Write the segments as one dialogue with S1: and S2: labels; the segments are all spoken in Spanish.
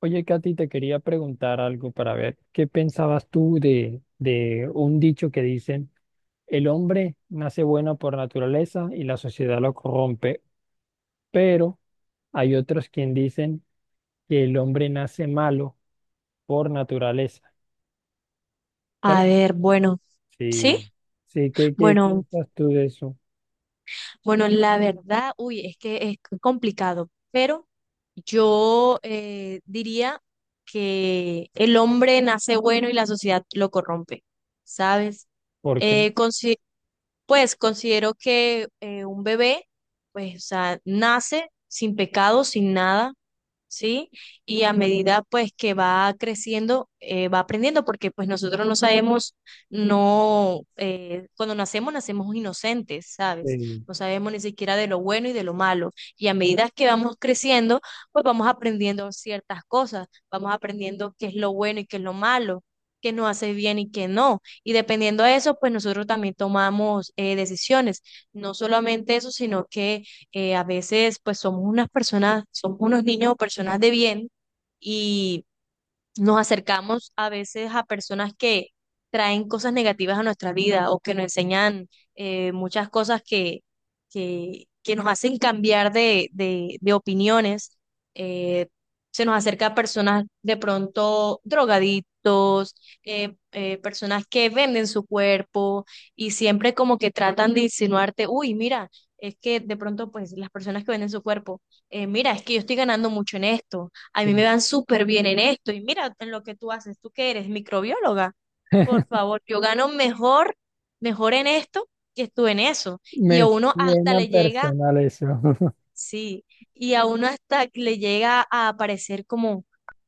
S1: Oye, Katy, te quería preguntar algo para ver qué pensabas tú de un dicho que dicen, el hombre nace bueno por naturaleza y la sociedad lo corrompe, pero hay otros quien dicen que el hombre nace malo por naturaleza. ¿Cuál
S2: A
S1: es?
S2: ver, bueno, sí,
S1: Sí, sí, ¿qué
S2: bueno,
S1: piensas tú de eso?
S2: bueno, la verdad, uy, es que es complicado, pero yo diría que el hombre nace bueno y la sociedad lo corrompe, ¿sabes?
S1: ¿Por qué?
S2: Eh, consi- pues considero que un bebé, pues, o sea, nace sin pecado, sin nada, ¿sí? Y a medida pues que va creciendo, va aprendiendo, porque pues nosotros no sabemos, no, cuando nacemos, nacemos inocentes, ¿sabes?
S1: Sí,
S2: No sabemos ni siquiera de lo bueno y de lo malo. Y a medida que vamos creciendo, pues vamos aprendiendo ciertas cosas, vamos aprendiendo qué es lo bueno y qué es lo malo, qué nos hace bien y qué no. Y dependiendo de eso, pues nosotros también tomamos decisiones. No solamente eso, sino que a veces pues somos unas personas, somos unos niños o personas de bien y nos acercamos a veces a personas que traen cosas negativas a nuestra vida o que nos enseñan muchas cosas que nos hacen cambiar de opiniones. Eh, Se nos acerca a personas de pronto drogadictos, personas que venden su cuerpo y siempre como que tratan de insinuarte, uy, mira, es que de pronto pues las personas que venden su cuerpo, mira, es que yo estoy ganando mucho en esto, a mí
S1: sí.
S2: me van súper bien en esto. Y mira en lo que tú haces, tú que eres microbióloga, por favor, yo gano mejor, mejor en esto que tú en eso. Y a
S1: Me
S2: uno hasta
S1: suena
S2: le llega,
S1: personal eso.
S2: sí, y a uno hasta le llega a aparecer como,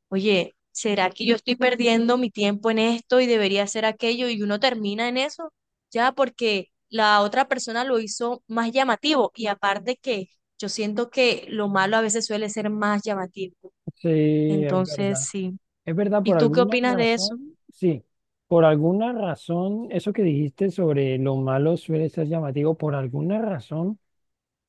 S2: oye, ¿será que yo estoy perdiendo mi tiempo en esto y debería hacer aquello? Y uno termina en eso, ya porque la otra persona lo hizo más llamativo. Y aparte que yo siento que lo malo a veces suele ser más llamativo.
S1: Sí, es
S2: Entonces,
S1: verdad.
S2: sí.
S1: Es verdad,
S2: ¿Y
S1: por
S2: tú qué
S1: alguna
S2: opinas de eso?
S1: razón, sí, por alguna razón, eso que dijiste sobre lo malo suele ser llamativo, por alguna razón.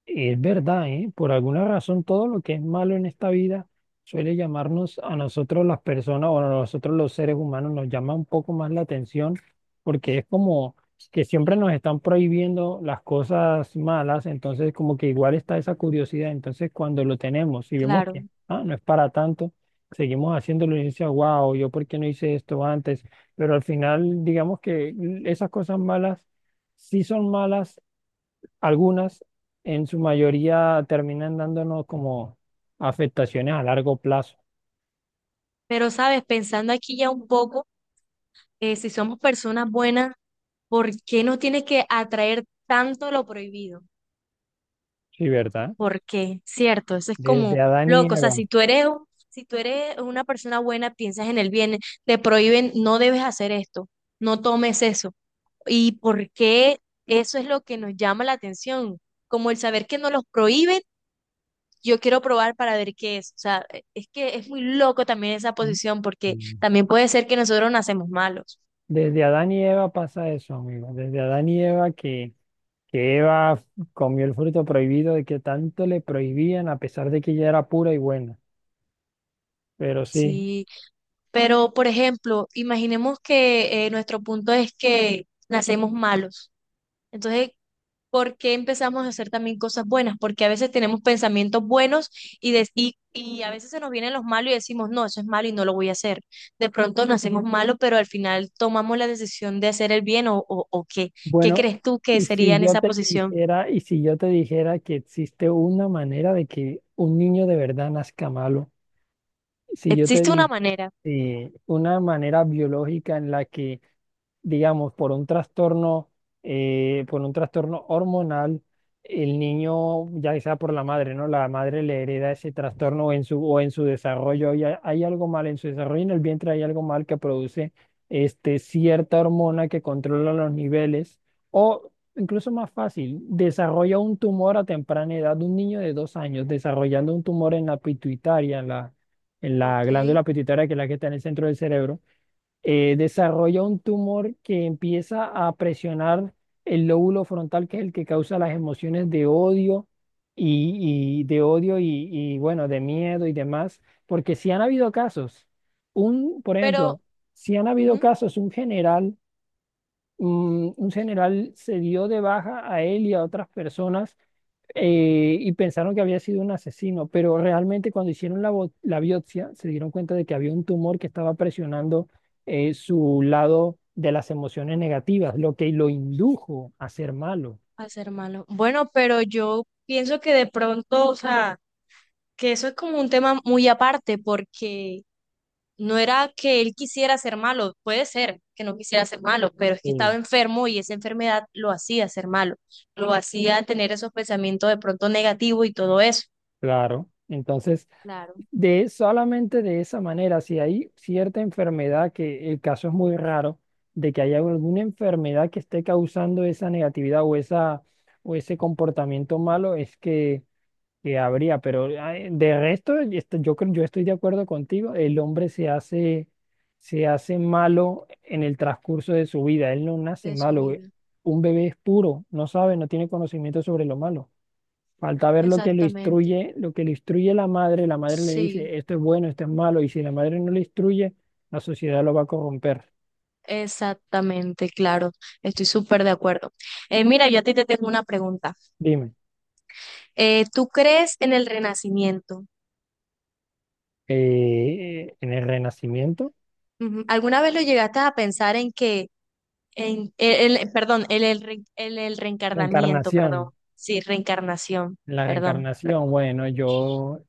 S1: Es verdad, ¿eh? Por alguna razón todo lo que es malo en esta vida suele llamarnos a nosotros las personas o a nosotros los seres humanos nos llama un poco más la atención porque es como que siempre nos están prohibiendo las cosas malas, entonces como que igual está esa curiosidad, entonces cuando lo tenemos y vemos
S2: Claro.
S1: que ah, no es para tanto, seguimos haciéndolo y dice, wow, yo por qué no hice esto antes, pero al final digamos que esas cosas malas sí son malas algunas, en su mayoría, terminan dándonos como afectaciones a largo plazo,
S2: Pero, sabes, pensando aquí ya un poco, si somos personas buenas, ¿por qué nos tiene que atraer tanto lo prohibido?
S1: sí, ¿verdad?
S2: ¿Por qué? ¿Cierto? Eso es como
S1: Desde Adán y
S2: loco. O sea,
S1: Eva.
S2: si tú eres una persona buena, piensas en el bien, te prohíben, no debes hacer esto, no tomes eso. ¿Y por qué eso es lo que nos llama la atención? Como el saber que nos los prohíben, yo quiero probar para ver qué es. O sea, es que es muy loco también esa posición, porque
S1: Mm.
S2: también puede ser que nosotros nacemos malos,
S1: Desde Adán y Eva pasa eso, amigo. Desde Adán y Eva que Eva comió el fruto prohibido de que tanto le prohibían a pesar de que ella era pura y buena. Pero sí,
S2: sí. Pero, por ejemplo, imaginemos que nuestro punto es que nacemos malos. Entonces, ¿por qué empezamos a hacer también cosas buenas? Porque a veces tenemos pensamientos buenos y a veces se nos vienen los malos y decimos, no, eso es malo y no lo voy a hacer. De pronto nacemos malos, pero al final tomamos la decisión de hacer el bien o qué. ¿Qué
S1: bueno,
S2: crees tú que
S1: y
S2: sería
S1: si
S2: en
S1: yo
S2: esa
S1: te
S2: posición?
S1: dijera, y si yo te dijera que existe una manera de que un niño de verdad nazca malo, si yo te
S2: Existe una
S1: di,
S2: manera,
S1: una manera biológica en la que, digamos, por un trastorno hormonal, el niño, ya sea por la madre, ¿no? La madre le hereda ese trastorno en su, o en su desarrollo. Y hay algo mal en su desarrollo, en el vientre hay algo mal que produce este, cierta hormona que controla los niveles. O incluso más fácil, desarrolla un tumor a temprana edad. Un niño de dos años desarrollando un tumor en la pituitaria, la
S2: ok,
S1: glándula pituitaria, que es la que está en el centro del cerebro, desarrolla un tumor que empieza a presionar el lóbulo frontal, que es el que causa las emociones de odio y, bueno, de miedo y demás, porque si han habido casos, un, por
S2: pero
S1: ejemplo, si han habido
S2: ujú,
S1: casos, un general, mm, un general se dio de baja a él y a otras personas y pensaron que había sido un asesino, pero realmente cuando hicieron la, bo- la biopsia se dieron cuenta de que había un tumor que estaba presionando su lado de las emociones negativas, lo que lo indujo a ser malo.
S2: hacer malo. Bueno, pero yo pienso que de pronto, o sea, que eso es como un tema muy aparte, porque no era que él quisiera ser malo, puede ser que no quisiera ser malo, pero es que estaba
S1: Mm.
S2: enfermo y esa enfermedad lo hacía ser malo, lo hacía tener esos pensamientos de pronto negativos y todo eso.
S1: Claro. Entonces,
S2: Claro,
S1: de solamente de esa manera, si hay cierta enfermedad, que el caso es muy raro, de que haya alguna enfermedad que esté causando esa negatividad o esa o ese comportamiento malo, es que habría, pero ah, de resto, esto- yo creo, yo estoy de acuerdo contigo, el hombre se hace malo en el transcurso de su vida, él no nace
S2: de su
S1: malo, güey.
S2: vida.
S1: Un bebé es puro, no sabe, no tiene conocimiento sobre lo malo. Falta ver lo que lo
S2: Exactamente.
S1: instruye, lo que le instruye la madre le
S2: Sí,
S1: dice, esto es bueno, esto es malo, y si la madre no le instruye, la sociedad lo va a corromper.
S2: exactamente, claro. Estoy súper de acuerdo. Mira, yo a ti te tengo una pregunta.
S1: Dime,
S2: ¿Tú crees en el renacimiento?
S1: en el renacimiento,
S2: Ujú. ¿Alguna vez lo llegaste a pensar en que, perdón, el reencarnamiento, perdón,
S1: reencarnación,
S2: sí, reencarnación,
S1: en la
S2: perdón,
S1: reencarnación, bueno, yo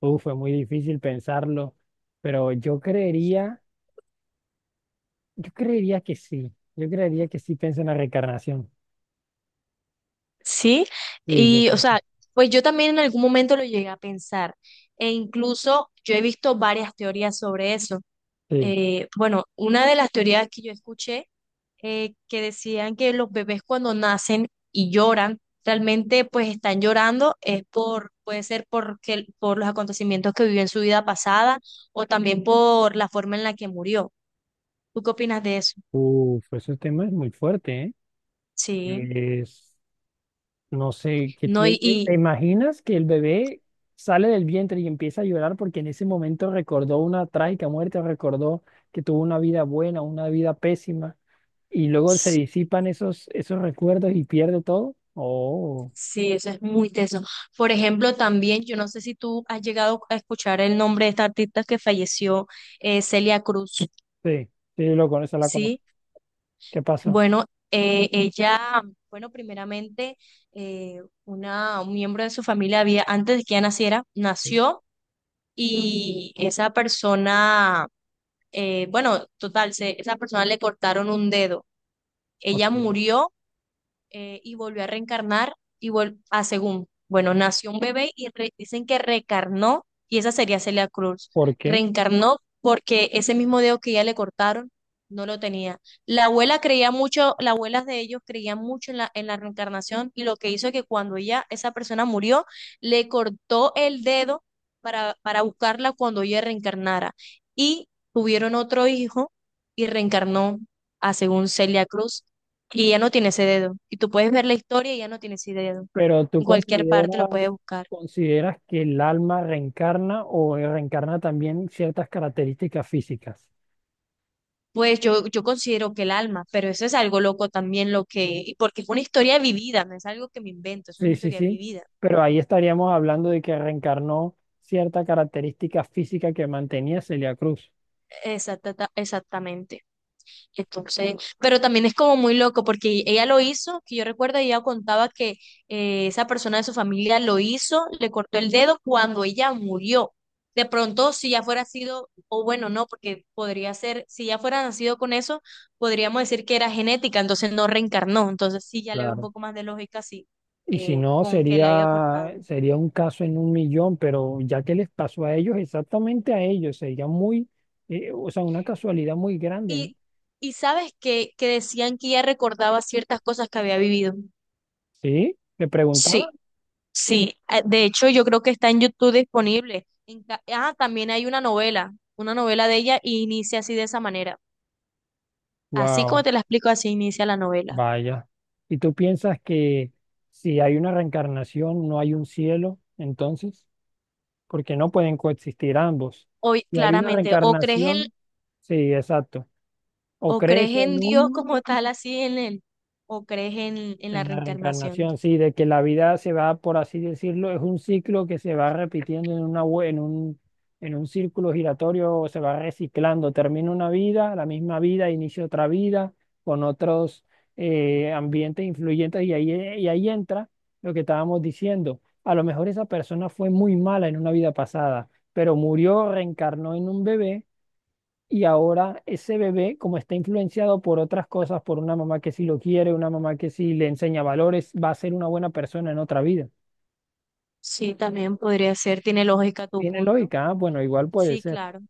S1: uf, fue muy difícil pensarlo, pero yo creería que sí, yo creería que sí pienso en la reencarnación.
S2: sí?
S1: Sí, yo
S2: Y, o
S1: creo
S2: sea, pues yo también en algún momento lo llegué a pensar, e incluso yo he visto varias teorías sobre eso.
S1: que sí.
S2: Bueno, una de las teorías que yo escuché que decían que los bebés cuando nacen y lloran, realmente pues están llorando, es por, puede ser porque, por los acontecimientos que vivió en su vida pasada o también por la forma en la que murió. ¿Tú qué opinas de eso?
S1: Uf, ese tema es muy fuerte, ¿eh?
S2: Sí,
S1: Es, no sé, ¿qué
S2: no,
S1: te,
S2: y,
S1: te-
S2: y
S1: te imaginas que el bebé sale del vientre y empieza a llorar porque en ese momento recordó una trágica muerte, recordó que tuvo una vida buena, una vida pésima, y luego se
S2: sí,
S1: disipan esos recuerdos y pierde todo? Oh,
S2: sí, eso es muy teso. Por ejemplo, también, yo no sé si tú has llegado a escuchar el nombre de esta artista que falleció, Celia Cruz,
S1: sí, sí, lo con la conozco.
S2: ¿sí?
S1: ¿Qué pasó?
S2: Bueno, ella, bueno, primeramente, un miembro de su familia había, antes de que ella naciera,
S1: Sí,
S2: nació y esa persona, bueno, total, esa persona le cortaron un dedo. Ella
S1: ok.
S2: murió y volvió a reencarnar y vol a según, bueno, nació un bebé y re- dicen que reencarnó y esa sería Celia Cruz.
S1: ¿Por qué?
S2: Reencarnó porque ese mismo dedo que ya le cortaron no lo tenía. La abuela creía mucho, las abuelas de ellos creían mucho en la reencarnación, y lo que hizo es que cuando ella, esa persona murió, le cortó el dedo para buscarla cuando ella reencarnara. Y tuvieron otro hijo y reencarnó a según Celia Cruz y ya no tiene ese dedo. Y tú puedes ver la historia y ya no tiene ese dedo.
S1: Pero tú
S2: En cualquier parte lo puedes
S1: consideras,
S2: buscar.
S1: consideras que el alma reencarna o reencarna también ciertas características físicas.
S2: Pues yo considero que el alma, pero eso es algo loco también lo que, porque es una historia vivida, no es algo que me invento, es una
S1: Sí, sí,
S2: historia
S1: sí.
S2: vivida.
S1: Pero ahí estaríamos hablando de que reencarnó cierta característica física que mantenía Celia Cruz.
S2: Exactamente. Entonces, pero también es como muy loco porque ella lo hizo, que yo recuerdo, ella contaba que esa persona de su familia lo hizo, le cortó el dedo cuando ella murió. De pronto, si ya fuera sido, o bueno, no, porque podría ser, si ya fuera nacido con eso, podríamos decir que era genética, entonces no reencarnó. Entonces sí, ya le veo un
S1: Claro.
S2: poco más de lógica, sí,
S1: Y si no,
S2: con que le haya cortado.
S1: sería, sería un caso en un millón, pero ya que les pasó a ellos, exactamente a ellos, sería muy, o sea, una casualidad muy grande, ¿no?
S2: Y, y sabes que decían que ella recordaba ciertas cosas que había vivido.
S1: Sí, le preguntaba.
S2: Sí. Sí, de hecho yo creo que está en YouTube disponible. También hay una novela, de ella y inicia así de esa manera. Así como
S1: Wow.
S2: te la explico, así inicia la novela.
S1: Vaya. ¿Y tú piensas que si hay una reencarnación no hay un cielo, entonces? Porque no pueden coexistir ambos.
S2: Hoy,
S1: Si hay una
S2: claramente, o crees en,
S1: reencarnación, sí, exacto. O
S2: o crees
S1: crees en
S2: en Dios
S1: uno.
S2: como tal, así en él, o crees en la
S1: En la
S2: reencarnación.
S1: reencarnación, sí, de que la vida se va, por así decirlo, es un ciclo que se va repitiendo en una, vue- en un círculo giratorio, se va reciclando. Termina una vida, la misma vida, inicia otra vida con otros ambientes influyentes y y ahí entra lo que estábamos diciendo. A lo mejor esa persona fue muy mala en una vida pasada, pero murió, reencarnó en un bebé y ahora ese bebé, como está influenciado por otras cosas, por una mamá que sí lo quiere, una mamá que sí le enseña valores, va a ser una buena persona en otra vida.
S2: Sí, también podría ser, tiene lógica tu
S1: ¿Tiene
S2: punto.
S1: lógica? Ah, bueno, igual puede
S2: Sí,
S1: ser.
S2: claro.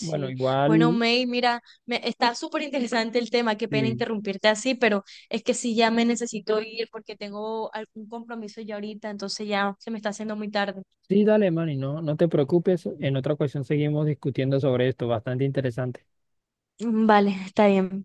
S1: Bueno,
S2: bueno,
S1: igual,
S2: May, mira, está súper interesante el tema, qué pena
S1: sí.
S2: interrumpirte así, pero es que sí, ya me necesito ir porque tengo algún compromiso ya ahorita, entonces ya se me está haciendo muy tarde.
S1: Sí, dale, Manny, no, no te preocupes. En otra ocasión seguimos discutiendo sobre esto, bastante interesante.
S2: Mm, vale, está bien.